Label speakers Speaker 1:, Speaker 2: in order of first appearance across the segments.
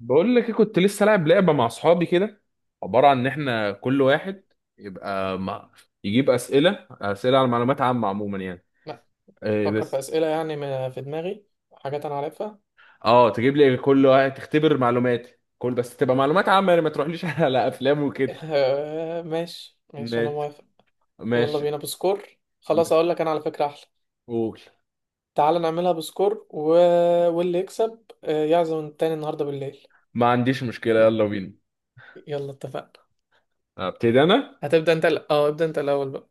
Speaker 1: بقول لك إيه، كنت لسه لاعب لعبه مع اصحابي كده. عباره عن ان احنا كل واحد يبقى مع... يجيب اسئله على معلومات عامه. عموما يعني
Speaker 2: لا.
Speaker 1: إيه
Speaker 2: فكر في
Speaker 1: بس.
Speaker 2: أسئلة يعني في دماغي حاجات أنا عارفها.
Speaker 1: اه، تجيب لي كل واحد تختبر معلوماتي، كل بس تبقى معلومات عامه، يعني ما تروحليش على افلام وكده.
Speaker 2: ماشي، ماشي، أنا
Speaker 1: ماشي
Speaker 2: موافق. يلا
Speaker 1: ماشي،
Speaker 2: بينا بسكور. خلاص،
Speaker 1: بس
Speaker 2: أقول لك أنا على فكرة أحلى.
Speaker 1: قول.
Speaker 2: تعال نعملها بسكور واللي يكسب يعزم التاني النهاردة بالليل.
Speaker 1: ما عنديش مشكله،
Speaker 2: م-
Speaker 1: يلا بينا.
Speaker 2: يلا، اتفقنا.
Speaker 1: ابتدي انا.
Speaker 2: هتبدأ أنت الأ- أه ابدأ أنت الأول بقى.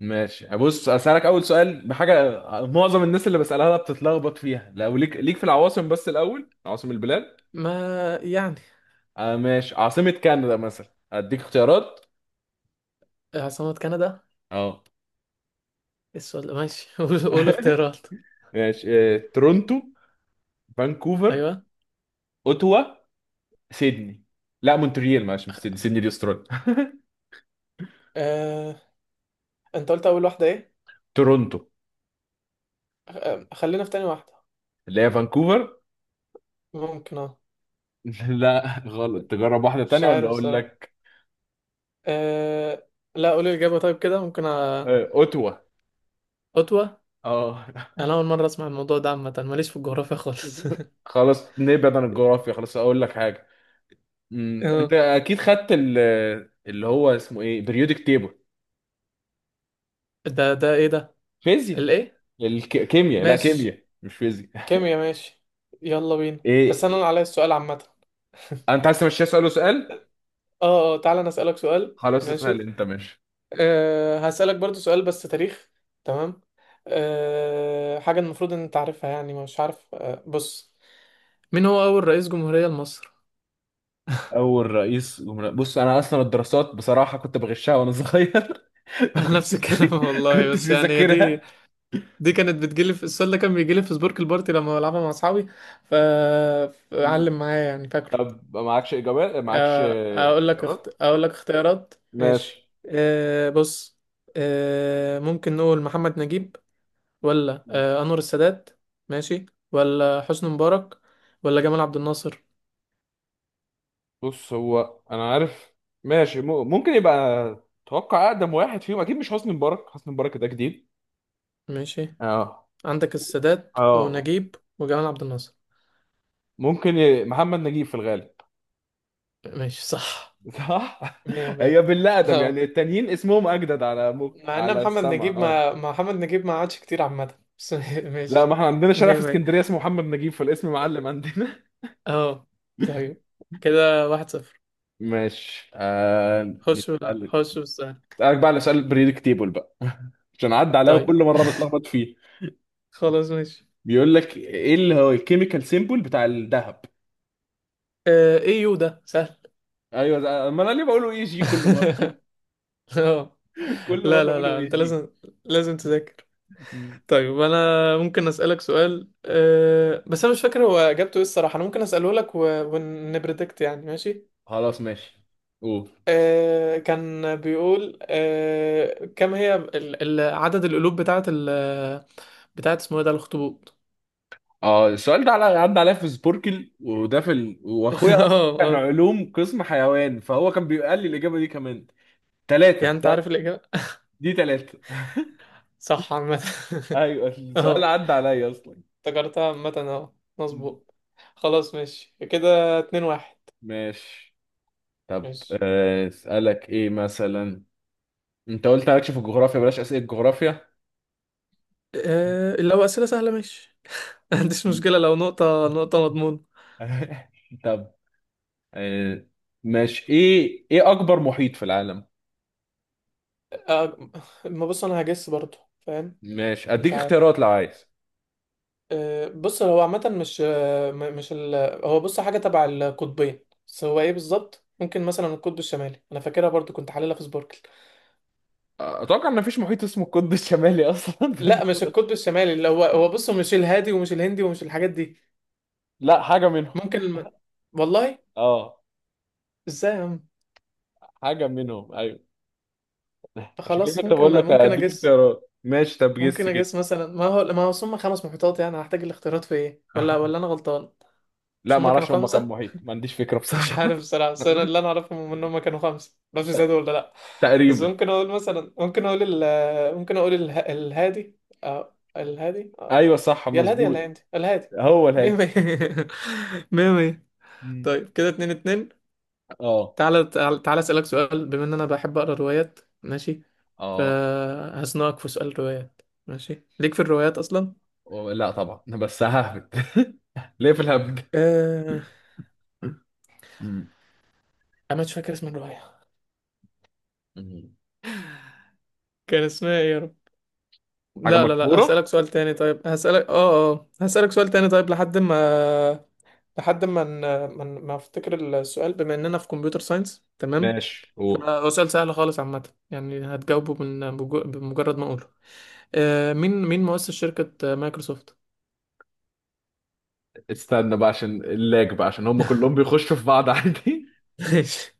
Speaker 1: ماشي، بص اسالك اول سؤال بحاجه. معظم الناس اللي بسالها لها بتتلخبط فيها، لو ليك في العواصم، بس الاول عواصم البلاد.
Speaker 2: ما يعني.
Speaker 1: آه ماشي، عاصمة كندا مثلا. اديك اختيارات.
Speaker 2: عاصمة كندا.
Speaker 1: اه
Speaker 2: السؤال ده ماشي. قول، قول اختيارات.
Speaker 1: ماشي. تورونتو. فانكوفر.
Speaker 2: أيوه.
Speaker 1: اوتوا. سيدني. لا، مونتريال، معلش، مش سيدني، سيدني دي استراليا
Speaker 2: أه... أنت قلت أول واحدة إيه؟
Speaker 1: تورونتو.
Speaker 2: آه، خلينا في تاني واحدة.
Speaker 1: اللي هي فانكوفر.
Speaker 2: ممكن، أه.
Speaker 1: لا غلط، تجرب واحدة
Speaker 2: مش
Speaker 1: تانية ولا
Speaker 2: عارف
Speaker 1: اقول
Speaker 2: الصراحة.
Speaker 1: لك؟
Speaker 2: أه... لا، قولي الإجابة طيب. كده ممكن
Speaker 1: اوتوا.
Speaker 2: خطوة.
Speaker 1: اه.
Speaker 2: أنا أول مرة أسمع الموضوع ده، عامة ماليش في الجغرافيا خالص.
Speaker 1: خلاص نبعد عن الجغرافيا، خلاص اقول لك حاجة. انت
Speaker 2: آه،
Speaker 1: اكيد خدت اللي هو اسمه ايه، بريودك تيبل.
Speaker 2: ده إيه ده؟
Speaker 1: فيزياء.
Speaker 2: الإيه؟
Speaker 1: الكيمياء، لا
Speaker 2: ماشي.
Speaker 1: كيمياء مش فيزياء.
Speaker 2: كيميا ماشي. يلا بينا، بس أنا
Speaker 1: ايه،
Speaker 2: اللي عليا السؤال عامة.
Speaker 1: انت عايز تمشيها سؤال وسؤال؟
Speaker 2: أه، أه، تعالى أنا أسألك سؤال.
Speaker 1: خلاص اسال
Speaker 2: ماشي.
Speaker 1: انت، ماشي.
Speaker 2: هسألك برضو سؤال بس تاريخ. تمام. حاجة المفروض إن أنت عارفها، يعني مش عارف. بص، مين هو أول رئيس جمهورية لمصر؟
Speaker 1: اول رئيس جمهورية، بص انا اصلا الدراسات بصراحه كنت بغشها وانا صغير ما
Speaker 2: نفس
Speaker 1: كنتش بي...
Speaker 2: الكلام والله،
Speaker 1: كنتش
Speaker 2: بس يعني هي دي.
Speaker 1: بذاكرها.
Speaker 2: دي كانت بتجيلي. في السؤال ده كان بيجيلي في سبورك البارتي لما بلعبها مع اصحابي. ف
Speaker 1: مم.
Speaker 2: علم معايا يعني، فاكره.
Speaker 1: طب معكش اجابات، معكش اختيارات؟
Speaker 2: اقول لك اختيارات ماشي.
Speaker 1: ماشي.
Speaker 2: بص، أه، ممكن نقول محمد نجيب، ولا
Speaker 1: مم.
Speaker 2: انور السادات، ماشي، ولا حسني مبارك، ولا جمال عبد الناصر.
Speaker 1: بص هو انا عارف. ماشي، ممكن يبقى. اتوقع اقدم واحد فيهم اكيد مش حسني مبارك، حسني مبارك ده جديد.
Speaker 2: ماشي.
Speaker 1: اه.
Speaker 2: عندك السادات
Speaker 1: اه،
Speaker 2: ونجيب وجمال عبد الناصر.
Speaker 1: ممكن محمد نجيب في الغالب.
Speaker 2: ماشي، صح.
Speaker 1: صح.
Speaker 2: مية
Speaker 1: هي
Speaker 2: مية.
Speaker 1: بالله ادم، يعني
Speaker 2: اه.
Speaker 1: التانيين اسمهم اجدد على
Speaker 2: مع ان
Speaker 1: على السمع. اه.
Speaker 2: محمد نجيب ما عادش كتير عامة بس.
Speaker 1: لا، ما
Speaker 2: ماشي.
Speaker 1: احنا عندنا شارع
Speaker 2: مية
Speaker 1: في
Speaker 2: مية.
Speaker 1: اسكندريه اسمه محمد نجيب، فالاسم معلم عندنا.
Speaker 2: اه. طيب كده 1-0.
Speaker 1: ماشي.
Speaker 2: خش ولا
Speaker 1: نسألك،
Speaker 2: خش بالسهل.
Speaker 1: اسالك بقى على سؤال بريدكتيبل بقى عشان عدى عليا
Speaker 2: طيب،
Speaker 1: وكل مره بتلخبط فيه.
Speaker 2: خلاص، ماشي.
Speaker 1: بيقول لك ايه اللي هو الكيميكال سيمبل بتاع الذهب.
Speaker 2: آه، ايه يو ده سهل.
Speaker 1: ايوه ما انا ليه بقوله AG كل مره.
Speaker 2: اه.
Speaker 1: كل مره
Speaker 2: لا، لا،
Speaker 1: بقوله
Speaker 2: لا،
Speaker 1: اي
Speaker 2: انت
Speaker 1: جي
Speaker 2: لازم تذاكر. طيب، انا ممكن اسألك سؤال، بس انا مش فاكر هو اجابته ايه الصراحة. انا ممكن اسأله لك ونبريدكت يعني. ماشي.
Speaker 1: خلاص ماشي، قول.
Speaker 2: كان بيقول كم هي عدد القلوب بتاعت بتاعت اسمه ايه ده الاخطبوط؟
Speaker 1: اه، السؤال ده عدى عليا في سبوركل، وده واخويا اصلا
Speaker 2: اه،
Speaker 1: كان
Speaker 2: اه.
Speaker 1: علوم قسم حيوان، فهو كان بيقال لي الاجابه دي كمان.
Speaker 2: يعني
Speaker 1: ثلاثه
Speaker 2: انت
Speaker 1: ده.
Speaker 2: عارف الإجابة.
Speaker 1: دي ثلاثه
Speaker 2: صح عامة.
Speaker 1: ايوه السؤال
Speaker 2: اه،
Speaker 1: عدى عليا اصلا.
Speaker 2: افتكرتها عامة. اه، مظبوط. خلاص، ماشي. كده 2-1.
Speaker 1: ماشي. طب
Speaker 2: ماشي.
Speaker 1: آه، اسالك ايه مثلا. انت قلت مالكش في الجغرافيا، بلاش اسئله جغرافيا.
Speaker 2: لو أسئلة سهلة، ماشي. ما عنديش مشكلة لو نقطة نقطة، مضمون.
Speaker 1: طب آه، ماشي، ايه اكبر محيط في العالم؟
Speaker 2: آه، ما بص، أنا هجس برضو، فاهم.
Speaker 1: ماشي،
Speaker 2: مش
Speaker 1: اديك
Speaker 2: عارف.
Speaker 1: اختيارات لو عايز.
Speaker 2: بص، هو عامة مش، هو بص حاجة تبع القطبين. بس هو ايه بالظبط؟ ممكن مثلا القطب الشمالي، انا فاكرها برضو، كنت حللها في سبوركل.
Speaker 1: اتوقع ان مفيش محيط اسمه القطب الشمالي اصلا فانت.
Speaker 2: لا، مش القطب الشمالي، اللي هو بص مش الهادي ومش الهندي ومش الحاجات دي.
Speaker 1: لا حاجة منهم.
Speaker 2: ممكن والله
Speaker 1: اه،
Speaker 2: ازاي يا عم.
Speaker 1: حاجة منهم ايوه. عشان كده
Speaker 2: خلاص،
Speaker 1: كنت بقول
Speaker 2: ممكن
Speaker 1: لك
Speaker 2: ممكن
Speaker 1: اديك
Speaker 2: اجس.
Speaker 1: اختيارات، ماشي، طب جس
Speaker 2: ممكن
Speaker 1: كده.
Speaker 2: اجس مثلا، ما هو هم خمس محيطات، يعني هحتاج الاختيارات في ايه، ولا انا غلطان؟
Speaker 1: لا،
Speaker 2: مش
Speaker 1: ما
Speaker 2: هم كانوا
Speaker 1: اعرفش هم كام
Speaker 2: خمسة؟
Speaker 1: محيط، ما عنديش فكرة
Speaker 2: مش
Speaker 1: بصراحة.
Speaker 2: عارف الصراحة، بس أنا اللي أعرفهم إن هما كانوا خمسة، معرفش زادوا ولا لأ. بس
Speaker 1: تقريبا.
Speaker 2: ممكن أقول مثلا، ممكن أقول ال ممكن أقول اله... الهادي. أه، الهادي. أه.
Speaker 1: ايوه صح
Speaker 2: يا الهادي، يا
Speaker 1: مظبوط.
Speaker 2: الهادي، الهادي.
Speaker 1: هو
Speaker 2: مية
Speaker 1: الهادي.
Speaker 2: مية. مية مية.
Speaker 1: مم.
Speaker 2: طيب كده 2-2.
Speaker 1: اه
Speaker 2: تعالى، تعالى، تعالى أسألك سؤال. بما إن أنا بحب أقرأ روايات، ماشي،
Speaker 1: اه.
Speaker 2: فهزنقك في سؤال روايات. ماشي، ليك في الروايات أصلا؟
Speaker 1: لا طبعا بس ههبد. ليه في الهبد.
Speaker 2: أه...
Speaker 1: مم.
Speaker 2: أنا مش فاكر اسم الرواية.
Speaker 1: مم.
Speaker 2: كان اسمها إيه يا رب؟
Speaker 1: حاجة
Speaker 2: لا، لا، لا،
Speaker 1: مشهورة.
Speaker 2: هسألك سؤال تاني طيب. هسألك اه اه هسألك سؤال تاني طيب، لحد ما لحد ما ن- ما افتكر السؤال. بما اننا في كمبيوتر ساينس، تمام،
Speaker 1: ماشي هو.
Speaker 2: فهو سؤال سهل خالص عامة. يعني هتجاوبه بمجرد ما اقوله. مين مؤسس شركة مايكروسوفت؟
Speaker 1: استنى بقى عشان اللاج، بقى عشان هم كلهم بيخشوا في بعض عادي.
Speaker 2: ماشي.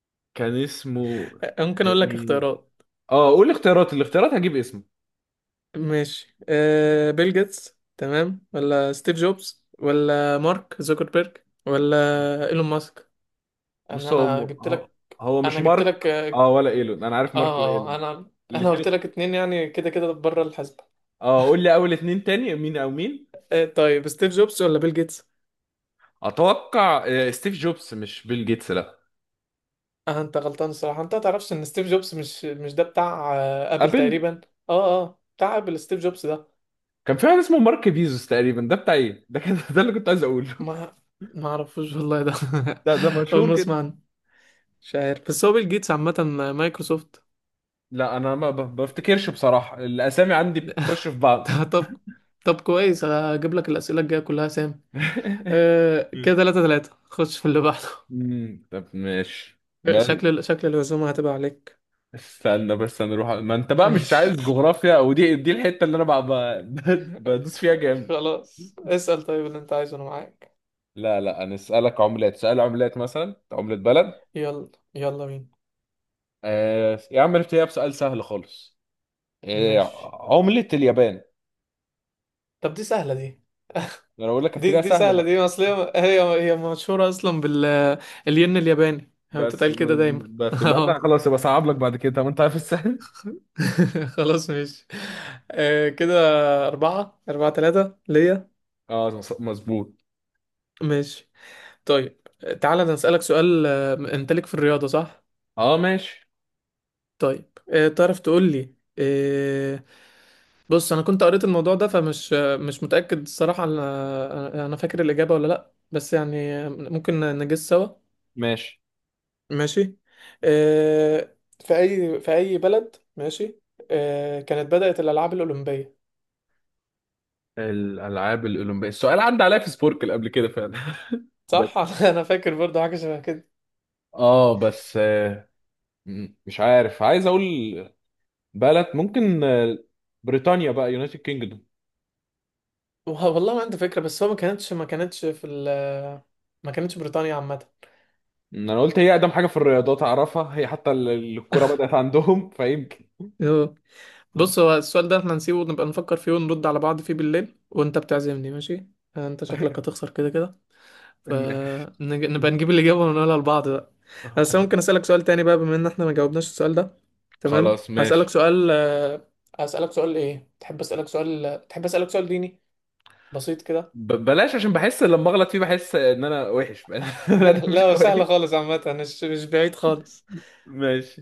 Speaker 1: كان اسمه.
Speaker 2: ممكن اقول لك اختيارات؟
Speaker 1: اه، قول الاختيارات هجيب اسمه.
Speaker 2: ماشي. بيل جيتس، تمام؟ ولا ستيف جوبز، ولا مارك زوكربيرج، ولا ايلون ماسك؟ انا
Speaker 1: بص
Speaker 2: انا
Speaker 1: هو
Speaker 2: جبت
Speaker 1: هو
Speaker 2: لك
Speaker 1: هو مش
Speaker 2: انا جبت
Speaker 1: مارك،
Speaker 2: لك.
Speaker 1: اه، ولا ايلون، انا عارف مارك
Speaker 2: اه، اه،
Speaker 1: وايلون.
Speaker 2: انا قلت
Speaker 1: الاثنين.
Speaker 2: لك اتنين، يعني كده كده بره الحسبة.
Speaker 1: اه، قول لي اول اتنين تاني، مين او مين.
Speaker 2: طيب، ستيف جوبز ولا بيل جيتس؟
Speaker 1: اتوقع ستيف جوبز، مش بيل جيتس لا.
Speaker 2: آه، انت غلطان الصراحة. انت تعرفش ان ستيف جوبز مش ده بتاع ابل
Speaker 1: ابل.
Speaker 2: تقريبا؟ اه، اه، بتاع ابل ستيف جوبز ده.
Speaker 1: كان في واحد اسمه مارك بيزوس تقريبا، ده بتاع ايه ده كان ده اللي كنت عايز اقوله.
Speaker 2: ما ما اعرفوش والله ده.
Speaker 1: ده
Speaker 2: اول
Speaker 1: مشهور
Speaker 2: ما
Speaker 1: كده.
Speaker 2: اسمع عنه. مش عارف، بس هو بيل جيتس عامة. مايكروسوفت.
Speaker 1: لا انا ما بفتكرش بصراحة، الاسامي عندي بتخش في بعض.
Speaker 2: طب طب كويس، هجيب لك الأسئلة الجاية كلها سام. آه، كده
Speaker 1: مم.
Speaker 2: 3-3. خش في اللي بعده.
Speaker 1: طب ماشي بس.
Speaker 2: شكل الهزومة هتبقى عليك.
Speaker 1: استنى بس انا اروح، ما انت بقى مش عايز
Speaker 2: ماشي،
Speaker 1: جغرافيا او دي الحته اللي انا بقى بدوس فيها جامد.
Speaker 2: خلاص، اسأل طيب اللي انت عايزه، انا معاك.
Speaker 1: لا لا، انا اسالك عملات، سؤال عملات مثلا، عمله بلد.
Speaker 2: يلا، يلا بينا.
Speaker 1: يا عم نبتديها بسؤال سهل خالص. آه
Speaker 2: ماشي.
Speaker 1: عمله اليابان.
Speaker 2: طب، دي سهلة دي.
Speaker 1: انا بقول لك
Speaker 2: دي
Speaker 1: ابتديها
Speaker 2: دي
Speaker 1: سهله
Speaker 2: سهلة
Speaker 1: بقى.
Speaker 2: دي، اصل هي مشهورة اصلا الين الياباني، هي
Speaker 1: بس
Speaker 2: بتتقال كده
Speaker 1: بس
Speaker 2: دايما.
Speaker 1: بس، يبقى انا
Speaker 2: اه.
Speaker 1: خلاص يبقى صعب لك بعد كده، طب انت عارف السهل.
Speaker 2: خلاص، ماشي. آه، كده أربعة أربعة تلاتة ليا.
Speaker 1: اه مظبوط.
Speaker 2: ماشي، طيب. تعالى أنا أسألك سؤال. انت ليك في الرياضة، صح؟
Speaker 1: اه. ماشي
Speaker 2: طيب، تعرف تقول لي؟ بص، انا كنت قريت الموضوع ده، فمش، مش متأكد الصراحة، انا فاكر الإجابة ولا لا، بس يعني، ممكن نجس سوا.
Speaker 1: ماشي.
Speaker 2: ماشي. آه، في اي بلد، ماشي، كانت بدأت الألعاب الأولمبية؟
Speaker 1: الالعاب الاولمبيه، السؤال عدى عليا في سبوركل قبل كده فعلا
Speaker 2: صح.
Speaker 1: بس.
Speaker 2: انا فاكر برضه حاجة شبه كده.
Speaker 1: اه بس. مم. مش عارف، عايز اقول بلد ممكن، بريطانيا بقى يونايتد كينجدوم.
Speaker 2: والله ما عندي فكرة، بس هو ما كانتش بريطانيا عامة.
Speaker 1: انا قلت هي اقدم حاجه في الرياضات اعرفها، هي حتى الكره بدات عندهم فيمكن. مم.
Speaker 2: بص، هو السؤال ده احنا نسيبه، نبقى نفكر فيه ونرد على بعض فيه بالليل وانت بتعزمني، ماشي. يعني انت شكلك هتخسر كده كده،
Speaker 1: الم-
Speaker 2: فنبقى نجيب الإجابة ونقولها لبعض بقى. بس ممكن أسألك سؤال تاني بقى، بما ان احنا ما جاوبناش السؤال ده. تمام،
Speaker 1: خلاص ماشي.
Speaker 2: هسألك سؤال. ايه تحب؟ أسألك سؤال ديني بسيط كده؟
Speaker 1: بلاش، عشان بحس لما اغلط فيه بحس ان انا وحش لا ده مش
Speaker 2: لا، سهل
Speaker 1: كويس.
Speaker 2: خالص عامة، مش بعيد خالص.
Speaker 1: ماشي،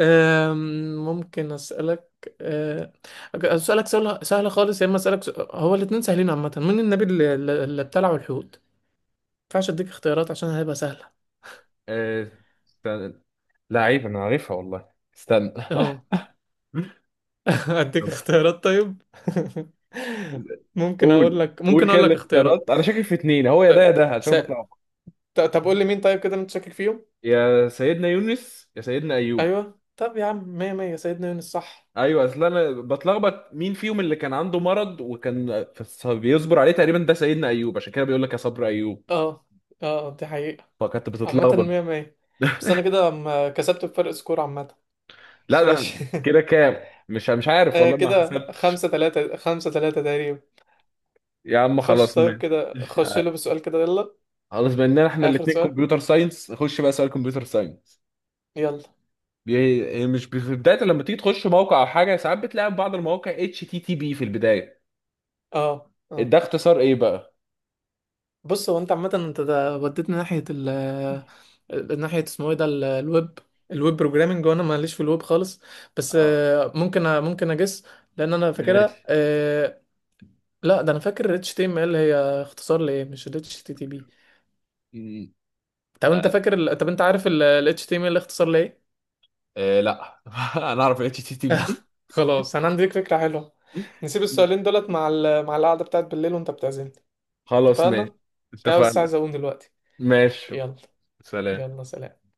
Speaker 2: ممكن أسألك أه، أسألك سؤال سهل خالص، يا إما أسألك سؤال. هو الاتنين سهلين عامة. مين النبي اللي ابتلعه الحوت؟ ما ينفعش أديك اختيارات عشان هيبقى سهلة.
Speaker 1: آه، استنى. لعيب انا عارفها والله. استنى
Speaker 2: أهو. أديك
Speaker 1: طب،
Speaker 2: اختيارات طيب. ممكن أقول
Speaker 1: قول.
Speaker 2: لك
Speaker 1: قول
Speaker 2: ممكن
Speaker 1: كده
Speaker 2: أقول لك
Speaker 1: الاختيارات،
Speaker 2: اختيارات.
Speaker 1: انا شاكك في اتنين، هو يا ده
Speaker 2: طيب،
Speaker 1: يا ده عشان
Speaker 2: س...
Speaker 1: بطلع.
Speaker 2: طب قول لي مين؟ طيب كده أنت شاكك فيهم؟
Speaker 1: يا سيدنا يونس يا سيدنا ايوب.
Speaker 2: أيوه. طب يا عم، مية مية، سيدنا يونس صح.
Speaker 1: ايوه، اصل انا بتلخبط مين فيهم اللي كان عنده مرض وكان بيصبر عليه، تقريبا ده سيدنا ايوب، عشان كده بيقول لك يا صبر ايوب.
Speaker 2: أه، أه، دي حقيقة.
Speaker 1: فكنت
Speaker 2: عامة
Speaker 1: بتتلخبط
Speaker 2: مية مية. بس أنا كده كسبت بفرق سكور عامة. بس
Speaker 1: لا ده
Speaker 2: ماشي.
Speaker 1: كده كام، مش عارف
Speaker 2: آه،
Speaker 1: والله، ما
Speaker 2: كده
Speaker 1: حسبتش.
Speaker 2: 5-3، 5-3 تقريبا.
Speaker 1: يا عم
Speaker 2: خش.
Speaker 1: خلاص
Speaker 2: طيب
Speaker 1: ماشي.
Speaker 2: كده خش له بسؤال كده، يلا.
Speaker 1: خلاص، بما اننا احنا
Speaker 2: آخر
Speaker 1: الاثنين
Speaker 2: سؤال.
Speaker 1: كمبيوتر ساينس، خش بقى سؤال كمبيوتر ساينس.
Speaker 2: يلا.
Speaker 1: بي... مش بي- في بدايه لما تيجي تخش موقع او حاجه، ساعات بتلاقي في بعض المواقع HTTP في البدايه.
Speaker 2: اه، اه،
Speaker 1: ده اختصار ايه بقى؟
Speaker 2: بص، هو انت عامة، انت ده وديتني ناحية ال آه، ناحية اسمه ايه ده الويب. الويب بروجرامنج، وانا ماليش في الويب خالص. بس
Speaker 1: اه
Speaker 2: ممكن اجس. لان انا فاكرها.
Speaker 1: ماشي.
Speaker 2: لا، ده انا فاكر اتش تي ام ال هي اختصار لايه. مش ال HTTP؟ طب انت عارف ال اتش تي ام ال HTML اختصار لايه؟
Speaker 1: إيه لا انا اعرف HTTP.
Speaker 2: خلاص، انا عندي ليك فكرة حلوة. نسيب السؤالين دولت مع القعدة بتاعت بالليل وانت بتعزمني.
Speaker 1: خلاص
Speaker 2: اتفقنا؟
Speaker 1: ماشي.
Speaker 2: عشان أنا بس
Speaker 1: اتفقنا.
Speaker 2: عايز اقوم دلوقتي.
Speaker 1: ماشي.
Speaker 2: يلا.
Speaker 1: سلام.
Speaker 2: يلا، سلام.